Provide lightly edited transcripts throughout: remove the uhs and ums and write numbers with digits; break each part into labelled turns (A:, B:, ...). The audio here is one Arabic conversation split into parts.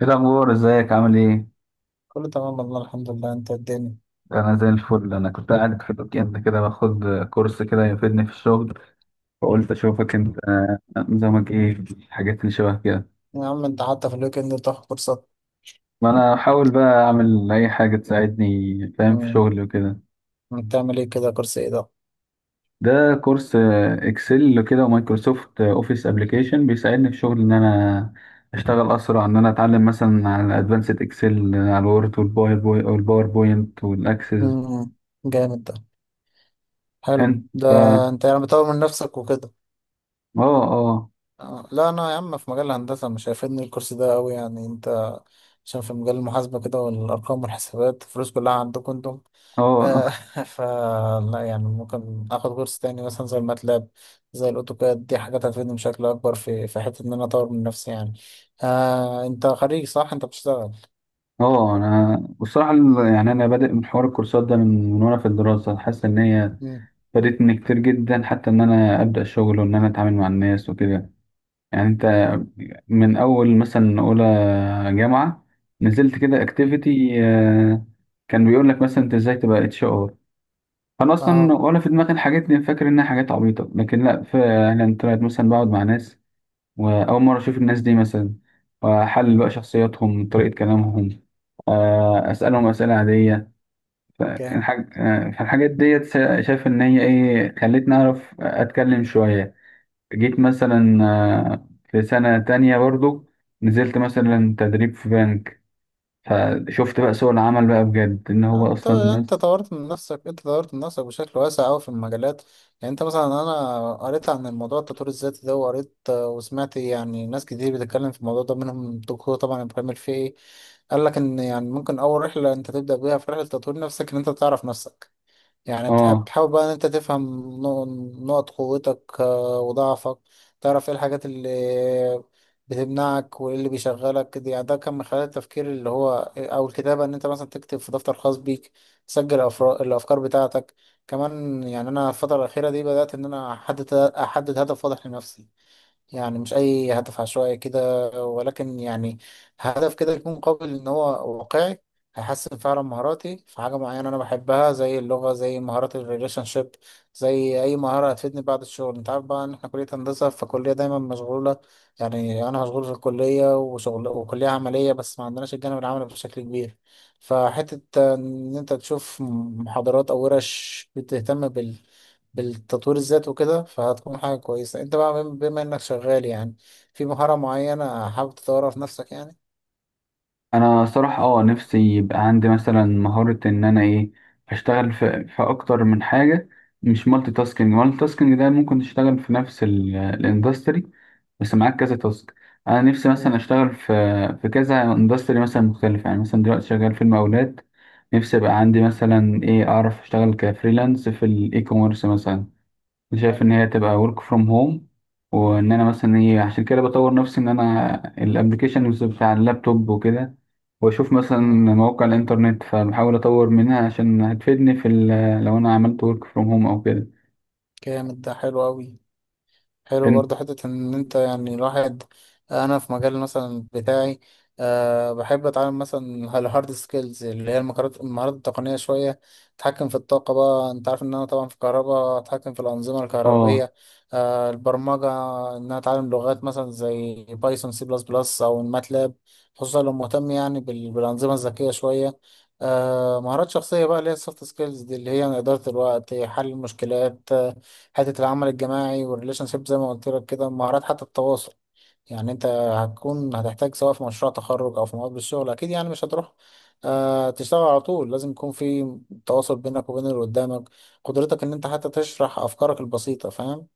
A: ايه الاخبار، ازيك، عامل ايه؟
B: كله تمام والله، الحمد لله. انت؟ الدنيا؟
A: انا زي الفل. انا كنت قاعد في الويكند كده باخد كورس كده يفيدني في الشغل، فقلت اشوفك. انت نظامك ايه في الحاجات اللي شبه كده؟
B: يا عم انت حتى في الويكند بتاخد كورسات؟
A: ما انا بحاول بقى اعمل اي حاجه تساعدني، فاهم، في
B: امم.
A: شغلي وكده.
B: بتعمل ايه كده؟ كورس ايه ده؟
A: ده كورس اكسل كده ومايكروسوفت اوفيس ابلكيشن، بيساعدني في شغل ان انا اشتغل اسرع، ان انا اتعلم مثلا على ادفانسد اكسل، على الوورد والباوربوينت والاكسس.
B: امم. جامد ده. حلو
A: انت.
B: ده.
A: اه.
B: انت يعني بتطور من نفسك وكده؟
A: اه.
B: اه، لا، انا يا عم في مجال الهندسه مش هيفيدني الكورس ده قوي يعني. انت عشان في مجال المحاسبه كده والارقام والحسابات الفلوس كلها عندكم انتم. آه،
A: اه.
B: فلا يعني ممكن اخد كورس تاني مثلا زي الماتلاب، زي الاوتوكاد، دي حاجات هتفيدني بشكل اكبر في حته ان انا اطور من نفسي يعني. آه، انت خريج صح؟ انت بتشتغل؟
A: اه. انا والصراحه يعني انا بادئ من حوار الكورسات ده من وانا في الدراسه، حاسس ان هي
B: مم.
A: فادتني كتير جدا، حتى ان انا ابدا شغل وان انا اتعامل مع الناس وكده. يعني انت من اول مثلا اولى جامعه نزلت كده
B: مم.
A: اكتيفيتي، كان بيقول لك مثلا انت ازاي تبقى HR. انا اصلا
B: اه.
A: ولا في دماغي الحاجات دي، فاكر انها حاجات عبيطه، لكن لا فعلا طلعت مثلا بقعد مع ناس وأول مرة أشوف الناس دي مثلا، وأحلل بقى
B: مم.
A: شخصياتهم، طريقة كلامهم، أسألهم أسئلة عادية.
B: كام؟
A: فالحاجات ديت شايف إن هي إيه خلتني أعرف أتكلم شوية. جيت مثلا في سنة تانية برضو نزلت
B: مم.
A: مثلا تدريب في بنك، فشفت بقى سوق العمل بقى بجد إن
B: يعني
A: هو
B: انت
A: أصلا
B: انت
A: الناس.
B: طورت من نفسك، انت طورت من نفسك بشكل واسع قوي في المجالات. يعني انت مثلا، انا قريت عن الموضوع التطوير الذاتي ده وقريت وسمعت يعني ناس كتير بتتكلم في الموضوع ده، منهم الدكتور طبعا ابراهيم الفقي. قال لك ان يعني ممكن اول رحله انت تبدا بيها في رحله تطوير نفسك ان انت تعرف نفسك. يعني بتحب
A: آه
B: تحاول بقى ان انت تفهم نقط قوتك وضعفك، تعرف ايه الحاجات اللي بتمنعك وايه اللي بيشغلك. دي يعني ده كان من خلال التفكير، اللي هو او الكتابة، ان انت مثلا تكتب في دفتر خاص بيك، تسجل الافكار بتاعتك. كمان يعني انا الفترة الأخيرة دي بدأت ان انا احدد هدف واضح لنفسي. يعني مش أي هدف عشوائي كده، ولكن يعني هدف كده يكون قابل إن هو واقعي، هيحسن فعلا مهاراتي في حاجة معينة أنا بحبها، زي اللغة، زي مهارات الريليشن شيب، زي أي مهارة هتفيدني بعد الشغل. أنت عارف بقى إن إحنا كلية هندسة، فالكلية دايما مشغولة. يعني أنا مشغول في الكلية وشغل، وكلية عملية بس ما عندناش الجانب العملي بشكل كبير. فحتة إن أنت تشوف محاضرات أو ورش بتهتم بالتطوير الذاتي وكده فهتكون حاجة كويسة. انت بقى بما انك شغال يعني في مهارة معينة حابب تطورها في نفسك يعني.
A: انا صراحة نفسي يبقى عندي مثلا مهارة ان انا ايه اشتغل في اكتر من حاجة. مش مالتي تاسكينج. مالتي تاسكينج ده ممكن تشتغل في نفس الاندستري بس معاك كذا تاسك. انا نفسي مثلا
B: امم.
A: اشتغل في كذا اندستري مثلا مختلف، يعني مثلا دلوقتي شغال في المقاولات. نفسي يبقى عندي مثلا ايه اعرف اشتغل كفريلانس في الاي كوميرس مثلا، شايف
B: حلو.
A: ان هي تبقى work from home، وان انا مثلا ايه عشان كده بطور نفسي، ان انا الابلكيشنز بتاع اللابتوب وكده، واشوف مثلا
B: امم.
A: مواقع الانترنت فبحاول اطور منها عشان هتفيدني في لو انا عملت work from home او كده.
B: جامد ده. حلو اوي. حلو
A: انت.
B: برضه حتة إن أنت يعني الواحد. أنا في مجال مثلا بتاعي، أه، بحب أتعلم مثلا الهارد سكيلز، اللي هي المهارات التقنية شوية. أتحكم في الطاقة بقى، أنت عارف إن أنا طبعا في الكهرباء، أتحكم في الأنظمة
A: اه.
B: الكهربية. أه، البرمجة، إن أنا أتعلم لغات مثلا زي بايثون، سي بلس بلس، أو الماتلاب، خصوصا لو مهتم يعني بالأنظمة الذكية شوية. أه، مهارات شخصية بقى اللي هي السوفت سكيلز دي، اللي هي إدارة الوقت، حل المشكلات، حته العمل الجماعي، والريليشن شيب زي ما قلت لك كده، مهارات حتى التواصل. يعني انت هتحتاج سواء في مشروع تخرج او في مقابل الشغل، اكيد يعني مش هتروح تشتغل على طول، لازم يكون في تواصل بينك وبين اللي قدامك، قدرتك ان انت حتى تشرح افكارك البسيطه، فاهم.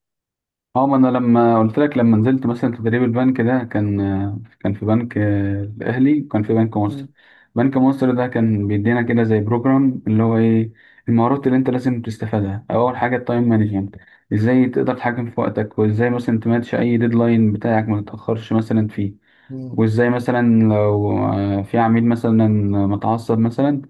A: اه. ما انا لما قلت لك، لما نزلت مثلا تدريب البنك ده، كان في بنك الاهلي وكان في بنك مصر.
B: مم.
A: بنك مصر ده كان بيدينا كده زي بروجرام اللي هو ايه المهارات اللي انت لازم تستفادها. اول حاجه التايم مانجمنت، ازاي تقدر تتحكم في وقتك، وازاي مثلا تماتش اي ديدلاين بتاعك ما تتاخرش مثلا فيه.
B: مم.
A: وازاي مثلا لو في عميل مثلا متعصب مثلا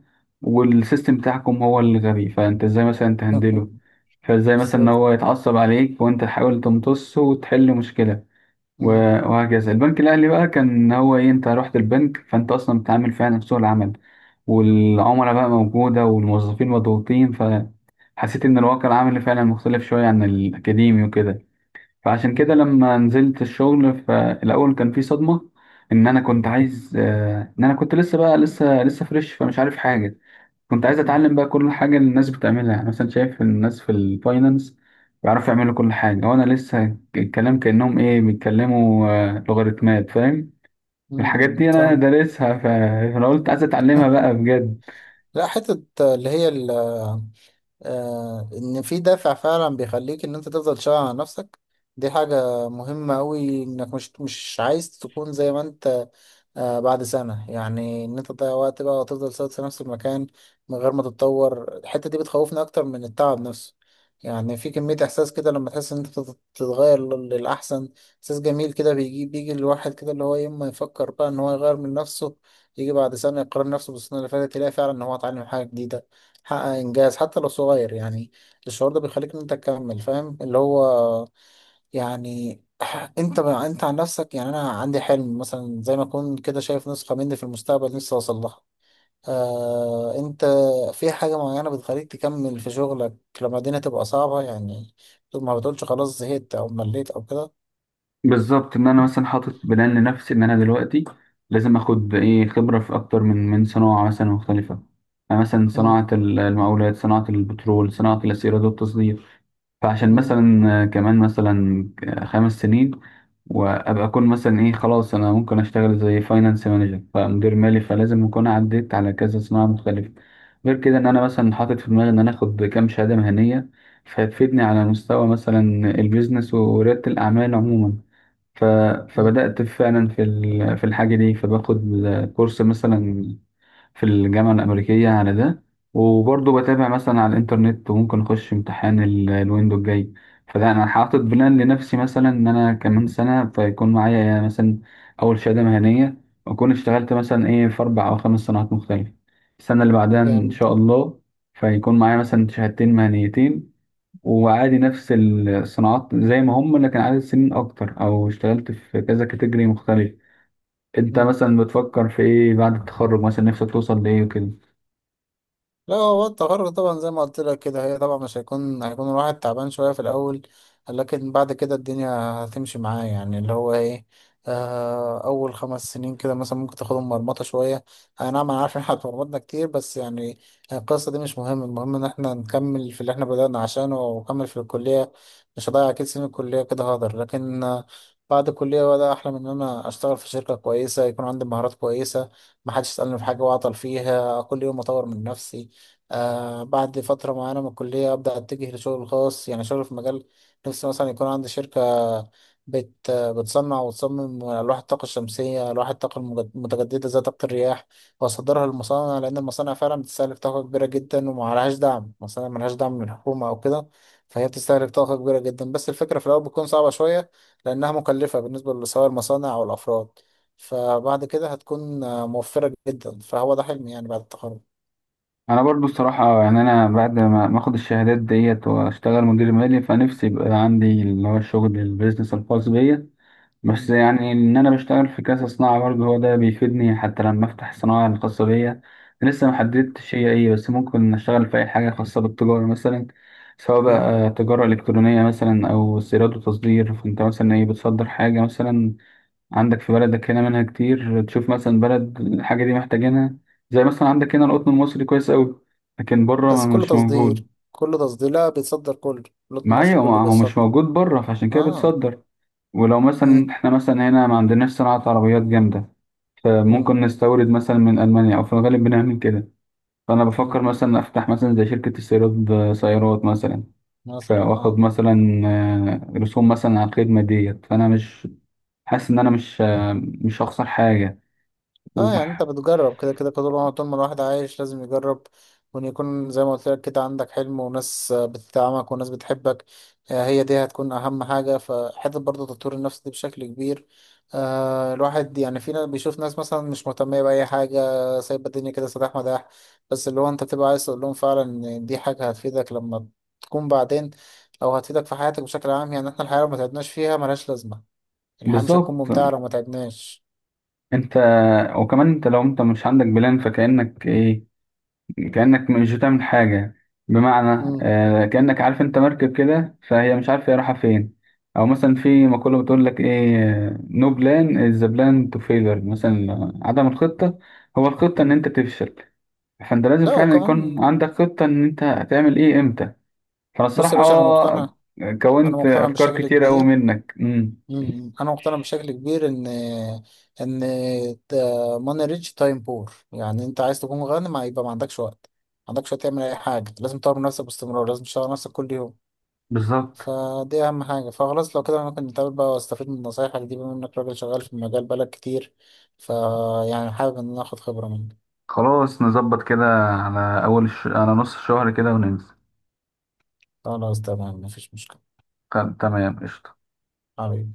A: والسيستم بتاعكم هو اللي غبي، فانت ازاي مثلا تهندله. فازاي مثلا ان
B: بالظبط.
A: هو يتعصب عليك وانت تحاول تمتصه وتحل مشكلة. و-
B: مم.
A: وهكذا. البنك الاهلي بقى كان إن هو ايه، انت رحت البنك فانت اصلا بتتعامل فعلا في سوق العمل، والعملاء بقى موجودة والموظفين مضغوطين، فحسيت ان الواقع العملي فعلا مختلف شوية عن الاكاديمي وكده. فعشان كده
B: مم.
A: لما نزلت الشغل فالاول كان في صدمه، ان انا كنت عايز ان انا كنت لسه بقى لسه فريش، فمش عارف حاجه. كنت عايز
B: مم.
A: اتعلم بقى كل حاجه اللي الناس بتعملها، يعني مثلا شايف الناس في الفاينانس بيعرفوا يعملوا كل حاجه، وانا لسه الكلام كانهم ايه بيتكلموا لوغاريتمات، فاهم. الحاجات
B: مم.
A: دي انا
B: فاهم.
A: دارسها فانا قلت عايز اتعلمها بقى بجد.
B: لا حته اللي هي ان في دافع فعلا بيخليك ان انت تفضل شغال على نفسك. دي حاجة مهمة قوي، انك مش عايز تكون زي ما انت بعد سنة يعني إن أنت تضيع وقت بقى وتفضل ثابت في نفس المكان من غير ما تتطور. الحتة دي بتخوفني أكتر من التعب نفسه. يعني في كمية إحساس كده لما تحس إن أنت بتتغير للأحسن. إحساس جميل كده بيجي، الواحد كده اللي هو يوم ما يفكر بقى إن هو يغير من نفسه، يجي بعد سنة يقارن نفسه بالسنة اللي فاتت يلاقي فعلا إن هو اتعلم حاجة جديدة، حقق إنجاز حتى لو صغير يعني. الشعور ده بيخليك إن أنت تكمل، فاهم اللي هو يعني؟ انت عن نفسك، يعني انا عندي حلم مثلا زي ما اكون كده شايف نسخة مني في المستقبل لسه اوصل لها. آه، انت في حاجة معينة بتخليك تكمل في شغلك لما الدنيا تبقى صعبة يعني، ما بتقولش خلاص زهقت او مليت او كده؟
A: بالظبط، ان انا مثلا حاطط بلان لنفسي ان انا دلوقتي لازم اخد ايه خبره في اكتر من صناعه مثلا مختلفه. يعني مثلا
B: مم.
A: صناعه المقاولات، صناعه البترول، صناعه الاسيرات والتصدير. فعشان
B: مم.
A: مثلا كمان مثلا 5 سنين وابقى اكون مثلا ايه خلاص، انا ممكن اشتغل زي فاينانس مانجر، فمدير مالي، فلازم اكون عديت على كذا صناعه مختلفه. غير كده ان انا مثلا حاطط في دماغي ان انا اخد كام شهاده مهنيه فهتفيدني على مستوى مثلا البيزنس ورياده الاعمال عموما. ف...
B: مم.
A: فبدأت فعلا في في الحاجة دي، فباخد كورس مثلا في الجامعة الأمريكية على ده، وبرضه بتابع مثلا على الإنترنت، وممكن أخش امتحان الويندو الجاي. فلا أنا حاطط بلان لنفسي مثلا إن أنا كمان سنة فيكون معايا مثلا أول شهادة مهنية، وأكون اشتغلت مثلا إيه في 4 أو 5 صناعات مختلفة. السنة اللي بعدها إن
B: جامد
A: شاء الله فيكون معايا مثلا شهادتين مهنيتين، وعادي نفس الصناعات زي ما هم لكن عدد سنين اكتر، او اشتغلت في كذا كاتيجوري مختلف. انت
B: ده.
A: مثلا بتفكر في ايه بعد التخرج مثلا؟ نفسك توصل لايه وكده؟
B: لا هو التغرق طبعا زي ما قلت لك كده، هي طبعا مش هيكون، الواحد تعبان شوية في الأول، لكن بعد كده الدنيا هتمشي معاه. يعني اللي هو ايه، أول 5 سنين كده مثلا ممكن تاخدهم مرمطة شوية. أنا، نعم، أنا عارف إن احنا اتمرمطنا كتير، بس يعني القصة دي مش مهم. المهم إن احنا نكمل في اللي احنا بدأنا عشانه، ونكمل في الكلية. مش هضيع أكيد سنين الكلية كده، هقدر. لكن بعد الكلية بقى، ده أحلم إن أنا أشتغل في شركة كويسة، يكون عندي مهارات كويسة، محدش يسألني في حاجة وأعطل فيها، كل يوم أطور من نفسي. بعد فترة معينة من الكلية أبدأ أتجه لشغل خاص، يعني شغل في مجال. نفسي مثلا يكون عندي شركة بتصنع وتصمم ألواح الطاقة الشمسية، ألواح الطاقة المتجددة زي طاقة الرياح، وأصدرها للمصانع، لأن المصانع فعلا بتستهلك طاقة كبيرة جدا ومعلهاش دعم. المصانع ملهاش دعم من الحكومة أو كده، فهي بتستهلك طاقة كبيرة جدا. بس الفكرة في الأول بتكون صعبة شوية لأنها مكلفة بالنسبة سواء المصانع أو الأفراد، فبعد كده هتكون موفرة جدا. فهو ده حلمي يعني بعد التخرج.
A: انا برضو الصراحه، يعني انا بعد ما اخد الشهادات ديت واشتغل مدير مالي، فنفسي يبقى عندي اللي هو الشغل البيزنس الخاص بيا. بس يعني إن أنا بشتغل في كذا صناعة برضه هو ده بيفيدني حتى لما أفتح الصناعة الخاصة بيا. لسه محددتش هي إيه، بس ممكن أشتغل في أي حاجة خاصة بالتجارة مثلا، سواء
B: مم.
A: بقى تجارة إلكترونية مثلا أو استيراد وتصدير. فأنت مثلا إيه بتصدر حاجة مثلا عندك في بلدك، هنا منها كتير، تشوف مثلا بلد الحاجة دي محتاجينها. زي مثلا عندك هنا القطن المصري كويس أوي، لكن بره
B: بس كله
A: مش موجود.
B: تصدير؟ كله تصدير؟ لا، بيتصدر كله، لوت
A: ما
B: مصر
A: أيوة،
B: كله
A: ما هو
B: بيتصدر.
A: مش موجود بره، فعشان كده
B: اه.
A: بتصدر. ولو مثلا
B: مم.
A: احنا مثلا هنا ما عندناش صناعة عربيات جامدة،
B: مم.
A: فممكن نستورد مثلا من ألمانيا، أو في الغالب بنعمل كده. فأنا بفكر
B: مم.
A: مثلا أفتح مثلا زي شركة استيراد سيارات مثلا،
B: مثلا
A: فآخد
B: اه.
A: مثلا رسوم مثلا على الخدمة ديت، فأنا مش حاسس إن أنا مش هخسر حاجة.
B: اه، يعني انت
A: وبح-
B: بتجرب، كده كده كده طول ما الواحد عايش لازم يجرب، وان يكون زي ما قلت لك كده عندك حلم، وناس بتدعمك، وناس بتحبك. آه، هي دي هتكون اهم حاجة. فحتة برضه تطوير النفس دي بشكل كبير، آه، الواحد يعني، في ناس بيشوف ناس مثلا مش مهتمية بأي حاجة، سايبة الدنيا كده سداح مداح، بس اللي هو انت بتبقى عايز تقول لهم فعلا ان دي حاجة هتفيدك لما تكون بعدين، او هتفيدك في حياتك بشكل عام. يعني احنا الحياة لو ما تعبناش فيها ملهاش لازمة، الحياة مش هتكون
A: بالظبط.
B: ممتعة لو ما تعبناش.
A: أنت وكمان أنت لو أنت مش عندك بلان فكأنك إيه، كأنك مش بتعمل حاجة، بمعنى
B: مم.
A: كأنك عارف انت مركب كده فهي مش عارفة هي رايحة فين. او مثلا في مقولة بتقول لك ايه، نو بلان از ذا بلان تو فيلر، مثلا عدم الخطة هو الخطة ان
B: مم.
A: انت تفشل. فانت لازم
B: لا،
A: فعلا يكون
B: وكمان
A: عندك خطة ان انت هتعمل ايه امتى. فانا
B: بص يا
A: الصراحة
B: باشا انا مقتنع، انا
A: كونت
B: مقتنع
A: افكار
B: بشكل
A: كتير اوي
B: كبير.
A: منك
B: مم. انا مقتنع بشكل كبير ان ماني ريتش تايم بور، يعني انت عايز تكون غني ما يبقى ما عندكش وقت، ما عندكش وقت تعمل اي حاجه. لازم تطور من نفسك باستمرار، لازم تشتغل على نفسك كل يوم.
A: بالظبط.
B: فدي اهم حاجه. فخلاص لو كده أنا ممكن نتقابل بقى واستفيد من نصايحك دي، بما انك راجل شغال في المجال بقالك كتير، فيعني حابب ان انا اخد خبره منك.
A: خلاص نظبط كده على على نص الشهر كده وننزل.
B: خلاص، تمام، مفيش مشكله،
A: تمام، قشطة.
B: حبيبي.